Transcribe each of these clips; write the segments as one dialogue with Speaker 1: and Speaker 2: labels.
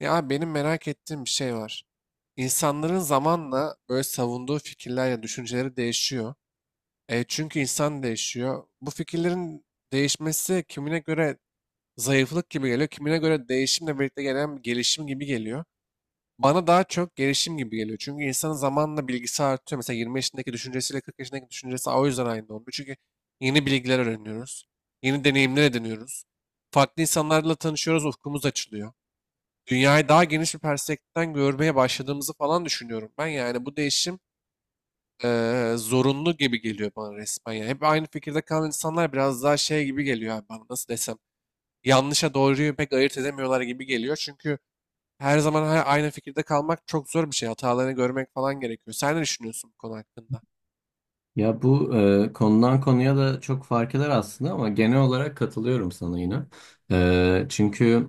Speaker 1: Ya benim merak ettiğim bir şey var. İnsanların zamanla böyle savunduğu fikirler ya düşünceleri değişiyor. E, çünkü insan değişiyor. Bu fikirlerin değişmesi kimine göre zayıflık gibi geliyor, kimine göre değişimle birlikte gelen bir gelişim gibi geliyor. Bana daha çok gelişim gibi geliyor. Çünkü insanın zamanla bilgisi artıyor. Mesela 20 yaşındaki düşüncesiyle 40 yaşındaki düşüncesi o yüzden aynı olmuyor. Çünkü yeni bilgiler öğreniyoruz. Yeni deneyimler ediniyoruz. Farklı insanlarla tanışıyoruz, ufkumuz açılıyor, dünyayı daha geniş bir perspektiften görmeye başladığımızı falan düşünüyorum ben. Yani bu değişim zorunlu gibi geliyor bana resmen. Yani hep aynı fikirde kalan insanlar biraz daha şey gibi geliyor abi bana, nasıl desem. Yanlışa doğruyu pek ayırt edemiyorlar gibi geliyor. Çünkü her zaman aynı fikirde kalmak çok zor bir şey. Hatalarını görmek falan gerekiyor. Sen ne düşünüyorsun bu konu hakkında?
Speaker 2: Ya bu konudan konuya da çok fark eder aslında ama genel olarak katılıyorum sana yine. E, çünkü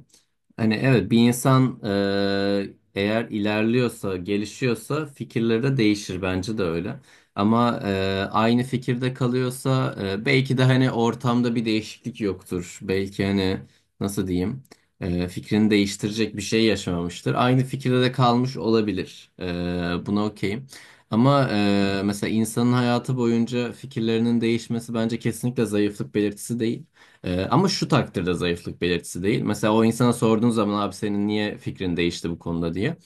Speaker 2: Hani evet bir insan eğer ilerliyorsa, gelişiyorsa fikirleri de değişir bence de öyle. Ama aynı fikirde kalıyorsa belki de hani ortamda bir değişiklik yoktur. Belki hani nasıl diyeyim fikrini değiştirecek bir şey yaşamamıştır. Aynı fikirde de kalmış olabilir. Buna okeyim. Ama mesela insanın hayatı boyunca fikirlerinin değişmesi bence kesinlikle zayıflık belirtisi değil. Ama şu takdirde zayıflık belirtisi değil. Mesela o insana sorduğun zaman abi senin niye fikrin değişti bu konuda diye.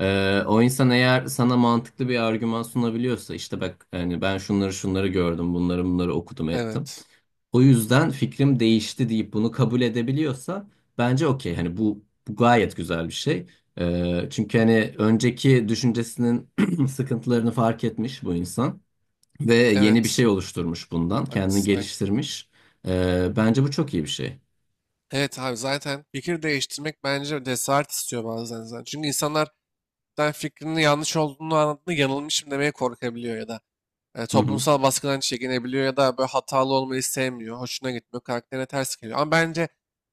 Speaker 2: O insan eğer sana mantıklı bir argüman sunabiliyorsa işte bak hani ben şunları şunları gördüm bunları bunları okudum ettim.
Speaker 1: Evet.
Speaker 2: O yüzden fikrim değişti deyip bunu kabul edebiliyorsa bence okey hani bu gayet güzel bir şey. Çünkü hani önceki düşüncesinin sıkıntılarını fark etmiş bu insan. Ve yeni bir
Speaker 1: Evet.
Speaker 2: şey oluşturmuş bundan. Kendini
Speaker 1: Haklısın. Aynen.
Speaker 2: geliştirmiş. Bence bu çok iyi bir şey.
Speaker 1: Evet abi, zaten fikir değiştirmek bence cesaret istiyor bazen zaten. Çünkü insanlar, sen fikrinin yanlış olduğunu anladığında yanılmışım demeye korkabiliyor ya da
Speaker 2: Hı hı.
Speaker 1: toplumsal baskıdan çekinebiliyor ya da böyle hatalı olmayı sevmiyor, hoşuna gitmiyor, karakterine ters geliyor. Ama bence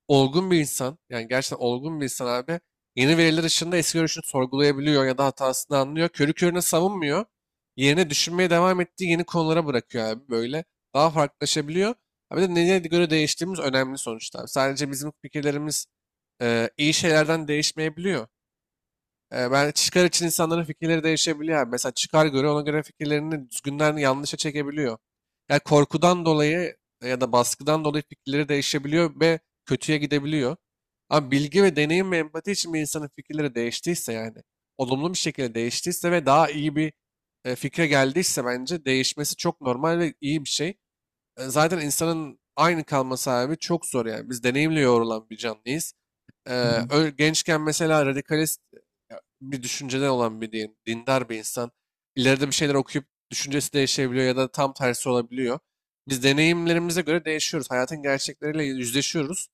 Speaker 1: olgun bir insan, yani gerçekten olgun bir insan abi, yeni veriler ışığında eski görüşünü sorgulayabiliyor ya da hatasını anlıyor. Körü körüne savunmuyor. Yerine düşünmeye devam ettiği yeni konulara bırakıyor abi böyle. Daha farklılaşabiliyor. Abi de neye göre değiştiğimiz önemli sonuçta abi. Sadece bizim fikirlerimiz iyi şeylerden değişmeyebiliyor. Ben, çıkar için insanların fikirleri değişebiliyor abi. Mesela çıkar göre, ona göre fikirlerini düzgünden yanlışa çekebiliyor. Yani korkudan dolayı ya da baskıdan dolayı fikirleri değişebiliyor ve kötüye gidebiliyor. Ama bilgi ve deneyim ve empati için bir insanın fikirleri değiştiyse, yani olumlu bir şekilde değiştiyse ve daha iyi bir fikre geldiyse, bence değişmesi çok normal ve iyi bir şey. E, zaten insanın aynı kalması abi çok zor yani. Biz deneyimle yoğrulan bir canlıyız.
Speaker 2: Hı
Speaker 1: Gençken mesela radikalist ya, bir düşünceden olan bir dindar bir insan ileride bir şeyler okuyup düşüncesi değişebiliyor ya da tam tersi olabiliyor. Biz deneyimlerimize göre değişiyoruz. Hayatın gerçekleriyle yüzleşiyoruz.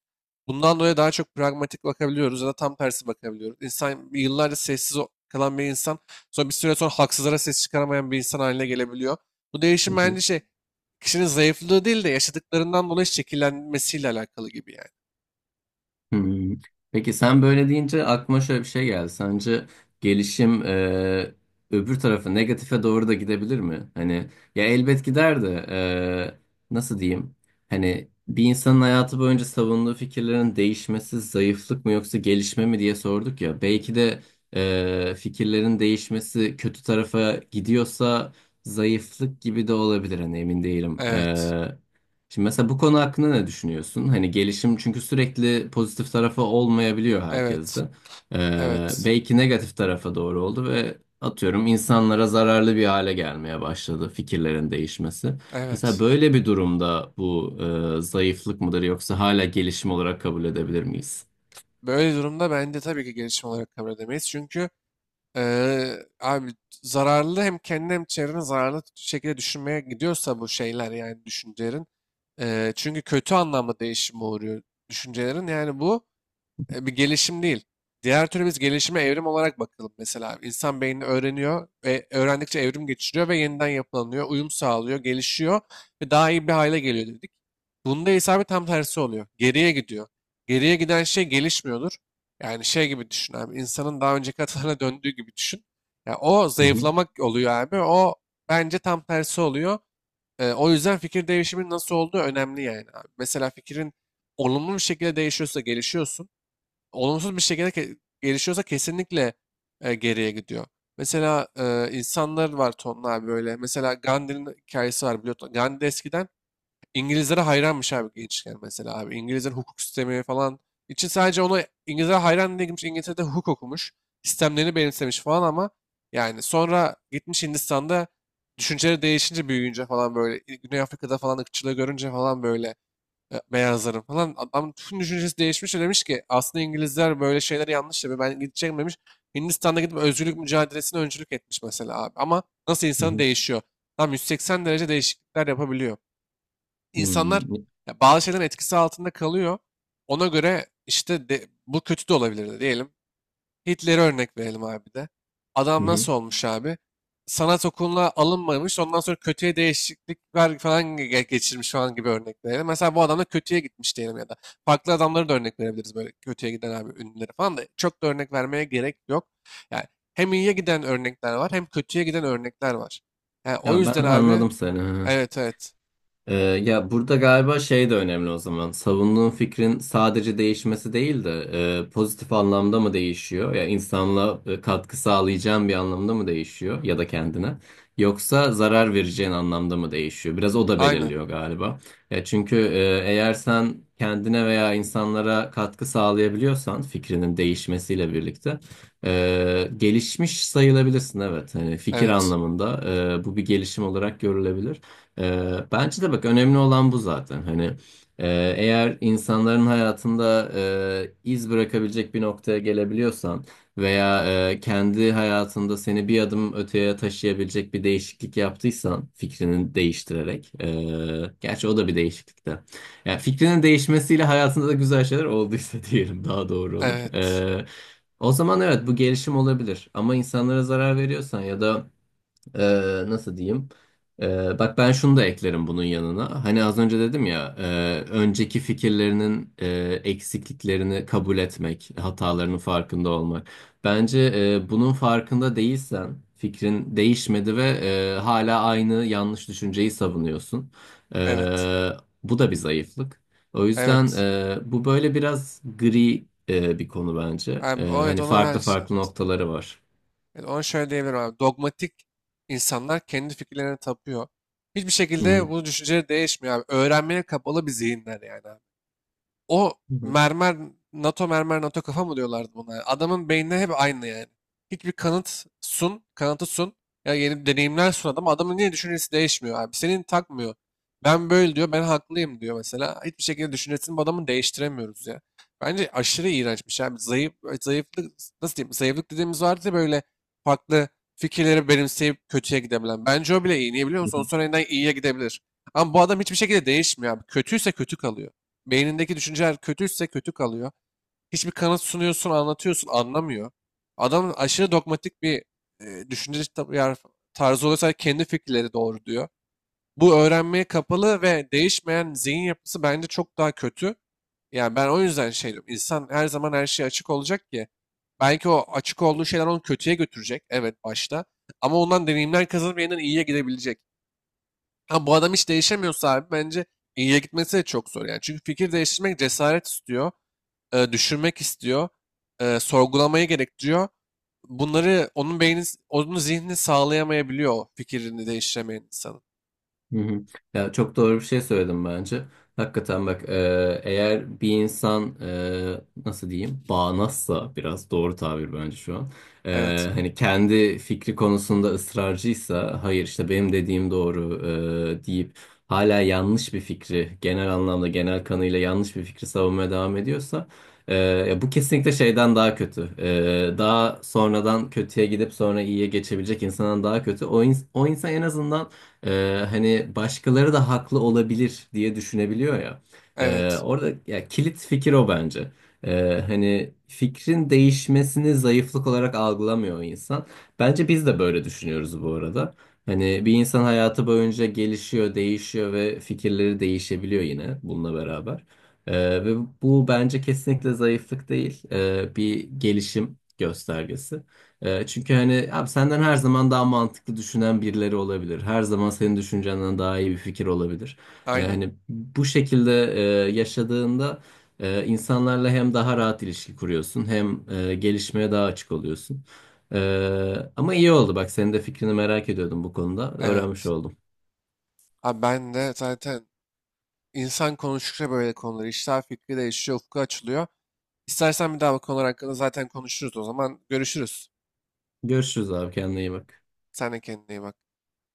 Speaker 1: Bundan dolayı daha çok pragmatik bakabiliyoruz ya da tam tersi bakabiliyoruz. İnsan, yıllarca sessiz kalan bir insan sonra bir süre sonra haksızlara ses çıkaramayan bir insan haline gelebiliyor. Bu değişim
Speaker 2: hı.
Speaker 1: bence şey, kişinin zayıflığı değil de yaşadıklarından dolayı şekillenmesiyle alakalı gibi yani.
Speaker 2: Hmm. Peki sen böyle deyince aklıma şöyle bir şey geldi. Sence gelişim, öbür tarafa negatife doğru da gidebilir mi? Hani ya elbet gider de, e, nasıl diyeyim? hani bir insanın hayatı boyunca savunduğu fikirlerin değişmesi zayıflık mı yoksa gelişme mi diye sorduk ya. Belki de fikirlerin değişmesi kötü tarafa gidiyorsa zayıflık gibi de olabilir. Hani emin değilim.
Speaker 1: Evet,
Speaker 2: Şimdi mesela bu konu hakkında ne düşünüyorsun? Hani gelişim çünkü sürekli pozitif tarafı olmayabiliyor
Speaker 1: evet,
Speaker 2: herkeste.
Speaker 1: evet,
Speaker 2: Belki negatif tarafa doğru oldu ve atıyorum insanlara zararlı bir hale gelmeye başladı fikirlerin değişmesi. Mesela
Speaker 1: evet.
Speaker 2: böyle bir durumda bu zayıflık mıdır yoksa hala gelişim olarak kabul edebilir miyiz?
Speaker 1: Böyle durumda bence tabii ki gelişim olarak kabul edemeyiz. Çünkü abi, zararlı, hem kendine hem çevrene zararlı şekilde düşünmeye gidiyorsa bu şeyler, yani düşüncelerin. Çünkü kötü anlamda değişime uğruyor düşüncelerin. Yani bu bir gelişim değil. Diğer türlü biz gelişime evrim olarak bakalım mesela. İnsan beyni öğreniyor ve öğrendikçe evrim geçiriyor ve yeniden yapılanıyor, uyum sağlıyor, gelişiyor ve daha iyi bir hale geliyor dedik. Bunda ise abi tam tersi oluyor. Geriye gidiyor. Geriye giden şey gelişmiyordur. Yani şey gibi düşün abi, insanın daha önceki hatalarına döndüğü gibi düşün. Ya o
Speaker 2: Hı hı.
Speaker 1: zayıflamak oluyor abi. O bence tam tersi oluyor. E, o yüzden fikir değişiminin nasıl olduğu önemli yani abi. Mesela fikrin olumlu bir şekilde değişiyorsa gelişiyorsun, olumsuz bir şekilde gelişiyorsa kesinlikle geriye gidiyor. Mesela e, insanlar var tonla abi böyle. Mesela Gandhi'nin hikayesi var, biliyorsun. Gandhi eskiden İngilizlere hayranmış abi, gençken mesela abi. İngilizlerin hukuk sistemi falan için, sadece ona, İngilizlere hayran diye gitmiş, İngiltere'de hukuk okumuş. Sistemlerini benimsemiş falan ama yani sonra gitmiş Hindistan'da, düşünceleri değişince, büyüyünce falan böyle, Güney Afrika'da falan ırkçılığı görünce falan böyle beyazların falan. Adam, tüm düşüncesi değişmiş ve demiş ki aslında İngilizler böyle şeyler yanlış yapıyor. Ben gideceğim demiş. Hindistan'da gidip özgürlük mücadelesine öncülük etmiş mesela abi. Ama nasıl
Speaker 2: Hı
Speaker 1: insan
Speaker 2: hı.
Speaker 1: değişiyor? Tam 180 derece değişiklikler yapabiliyor. İnsanlar
Speaker 2: Hmm,
Speaker 1: ya, bazı şeylerin etkisi altında kalıyor. Ona göre işte bu kötü de olabilir diyelim. Hitler'e örnek verelim abi de.
Speaker 2: hı
Speaker 1: Adam
Speaker 2: hı.
Speaker 1: nasıl olmuş abi? Sanat okuluna alınmamış, ondan sonra kötüye değişiklikler falan geçirmiş falan gibi örnek verelim. Mesela bu adam da kötüye gitmiş diyelim ya da. Farklı adamları da örnek verebiliriz böyle kötüye giden abi, ünlüleri falan da. Çok da örnek vermeye gerek yok. Yani hem iyiye giden örnekler var, hem kötüye giden örnekler var. Yani o
Speaker 2: Ya ben
Speaker 1: yüzden abi,
Speaker 2: anladım seni.
Speaker 1: evet, evet,
Speaker 2: Ya burada galiba şey de önemli o zaman. Savunduğun fikrin sadece değişmesi değil de, pozitif anlamda mı değişiyor? Ya insanla katkı sağlayacağın bir anlamda mı değişiyor ya da kendine? Yoksa zarar vereceğin anlamda mı değişiyor? Biraz o da
Speaker 1: aynen,
Speaker 2: belirliyor galiba. Ya çünkü eğer sen kendine veya insanlara katkı sağlayabiliyorsan fikrinin değişmesiyle birlikte gelişmiş sayılabilirsin evet. Hani fikir
Speaker 1: evet,
Speaker 2: anlamında bu bir gelişim olarak görülebilir. Bence de bak önemli olan bu zaten. Hani e, eğer insanların hayatında iz bırakabilecek bir noktaya gelebiliyorsan veya kendi hayatında seni bir adım öteye taşıyabilecek bir değişiklik yaptıysan fikrini değiştirerek, gerçi o da bir değişiklik de. Yani fikrinin değişmesiyle hayatında da güzel şeyler olduysa diyelim daha doğru olur.
Speaker 1: evet,
Speaker 2: O zaman evet bu gelişim olabilir. Ama insanlara zarar veriyorsan ya da nasıl diyeyim? Bak ben şunu da eklerim bunun yanına. Hani az önce dedim ya, önceki fikirlerinin eksikliklerini kabul etmek, hatalarının farkında olmak. Bence bunun farkında değilsen, fikrin değişmedi ve hala aynı yanlış düşünceyi savunuyorsun.
Speaker 1: evet,
Speaker 2: E, Bu da bir zayıflık. O yüzden
Speaker 1: evet
Speaker 2: bu böyle biraz gri bir konu bence.
Speaker 1: abi, evet
Speaker 2: Hani
Speaker 1: ona ben
Speaker 2: farklı
Speaker 1: şey.
Speaker 2: farklı noktaları var.
Speaker 1: Evet, ona şöyle diyebilirim abi. Dogmatik insanlar kendi fikirlerine tapıyor. Hiçbir
Speaker 2: Hı hı.
Speaker 1: şekilde bu düşünceleri değişmiyor abi. Öğrenmeye kapalı bir zihinler yani abi. O
Speaker 2: Hı
Speaker 1: mermer, NATO mermer, NATO kafa mı diyorlardı buna? Adamın beynine hep aynı yani. Hiçbir kanıt sun, kanıtı sun. Ya, yeni deneyimler sun adam. Adamın niye düşüncesi değişmiyor abi? Senin takmıyor. Ben böyle diyor, ben haklıyım diyor mesela. Hiçbir şekilde düşüncesini bu adamın değiştiremiyoruz ya. Bence aşırı iğrenç bir şey abi. Zayıf, zayıflık, nasıl diyeyim? Zayıflık dediğimiz vardı ya, böyle farklı fikirleri benimseyip kötüye gidebilen. Bence o bile iyi. Niye biliyor musun? O
Speaker 2: hı.
Speaker 1: sonra yeniden iyiye gidebilir. Ama bu adam hiçbir şekilde değişmiyor abi. Kötüyse kötü kalıyor. Beynindeki düşünceler kötüyse kötü kalıyor. Hiçbir kanıt sunuyorsun, anlatıyorsun, anlamıyor. Adam aşırı dogmatik bir e, düşünce tar- tarzı oluyorsa, kendi fikirleri doğru diyor. Bu öğrenmeye kapalı ve değişmeyen zihin yapısı bence çok daha kötü. Yani ben o yüzden şey diyorum. İnsan her zaman her şeye açık olacak ki. Belki o açık olduğu şeyler onu kötüye götürecek. Evet, başta. Ama ondan deneyimler kazanıp yeniden iyiye gidebilecek. Ha, bu adam hiç değişemiyorsa abi, bence iyiye gitmesi de çok zor yani. Çünkü fikir değiştirmek cesaret istiyor, düşünmek istiyor, sorgulamayı gerektiriyor. Bunları onun beyni, onun zihni sağlayamayabiliyor, o fikrini değiştiremeyen insanın.
Speaker 2: Hı hı. Ya çok doğru bir şey söyledim bence. Hakikaten bak, eğer bir insan e, nasıl diyeyim bağnazsa biraz doğru tabir bence şu an.
Speaker 1: Evet,
Speaker 2: Hani kendi fikri konusunda ısrarcıysa hayır işte benim dediğim doğru deyip hala yanlış bir fikri genel anlamda genel kanıyla yanlış bir fikri savunmaya devam ediyorsa, ya bu kesinlikle şeyden daha kötü. Daha sonradan kötüye gidip sonra iyiye geçebilecek insandan daha kötü. O insan en azından hani başkaları da haklı olabilir diye düşünebiliyor ya.
Speaker 1: evet,
Speaker 2: Orada ya kilit fikir o bence. Hani fikrin değişmesini zayıflık olarak algılamıyor insan. Bence biz de böyle düşünüyoruz bu arada. Hani bir insan hayatı boyunca gelişiyor, değişiyor ve fikirleri değişebiliyor yine bununla beraber. Ve bu bence kesinlikle zayıflık değil, bir gelişim göstergesi. Çünkü hani abi senden her zaman daha mantıklı düşünen birileri olabilir. Her zaman senin düşüncenden daha iyi bir fikir olabilir.
Speaker 1: aynen,
Speaker 2: Hani bu şekilde yaşadığında insanlarla hem daha rahat ilişki kuruyorsun hem gelişmeye daha açık oluyorsun. Ama iyi oldu bak senin de fikrini merak ediyordum bu konuda. Öğrenmiş
Speaker 1: evet.
Speaker 2: oldum.
Speaker 1: Abi ben de zaten, insan konuştukça böyle konuları, işler, fikri değişiyor, ufku açılıyor. İstersen bir daha bu konular hakkında zaten konuşuruz o zaman. Görüşürüz.
Speaker 2: Görüşürüz abi, kendine iyi bak.
Speaker 1: Sen de kendine iyi bak.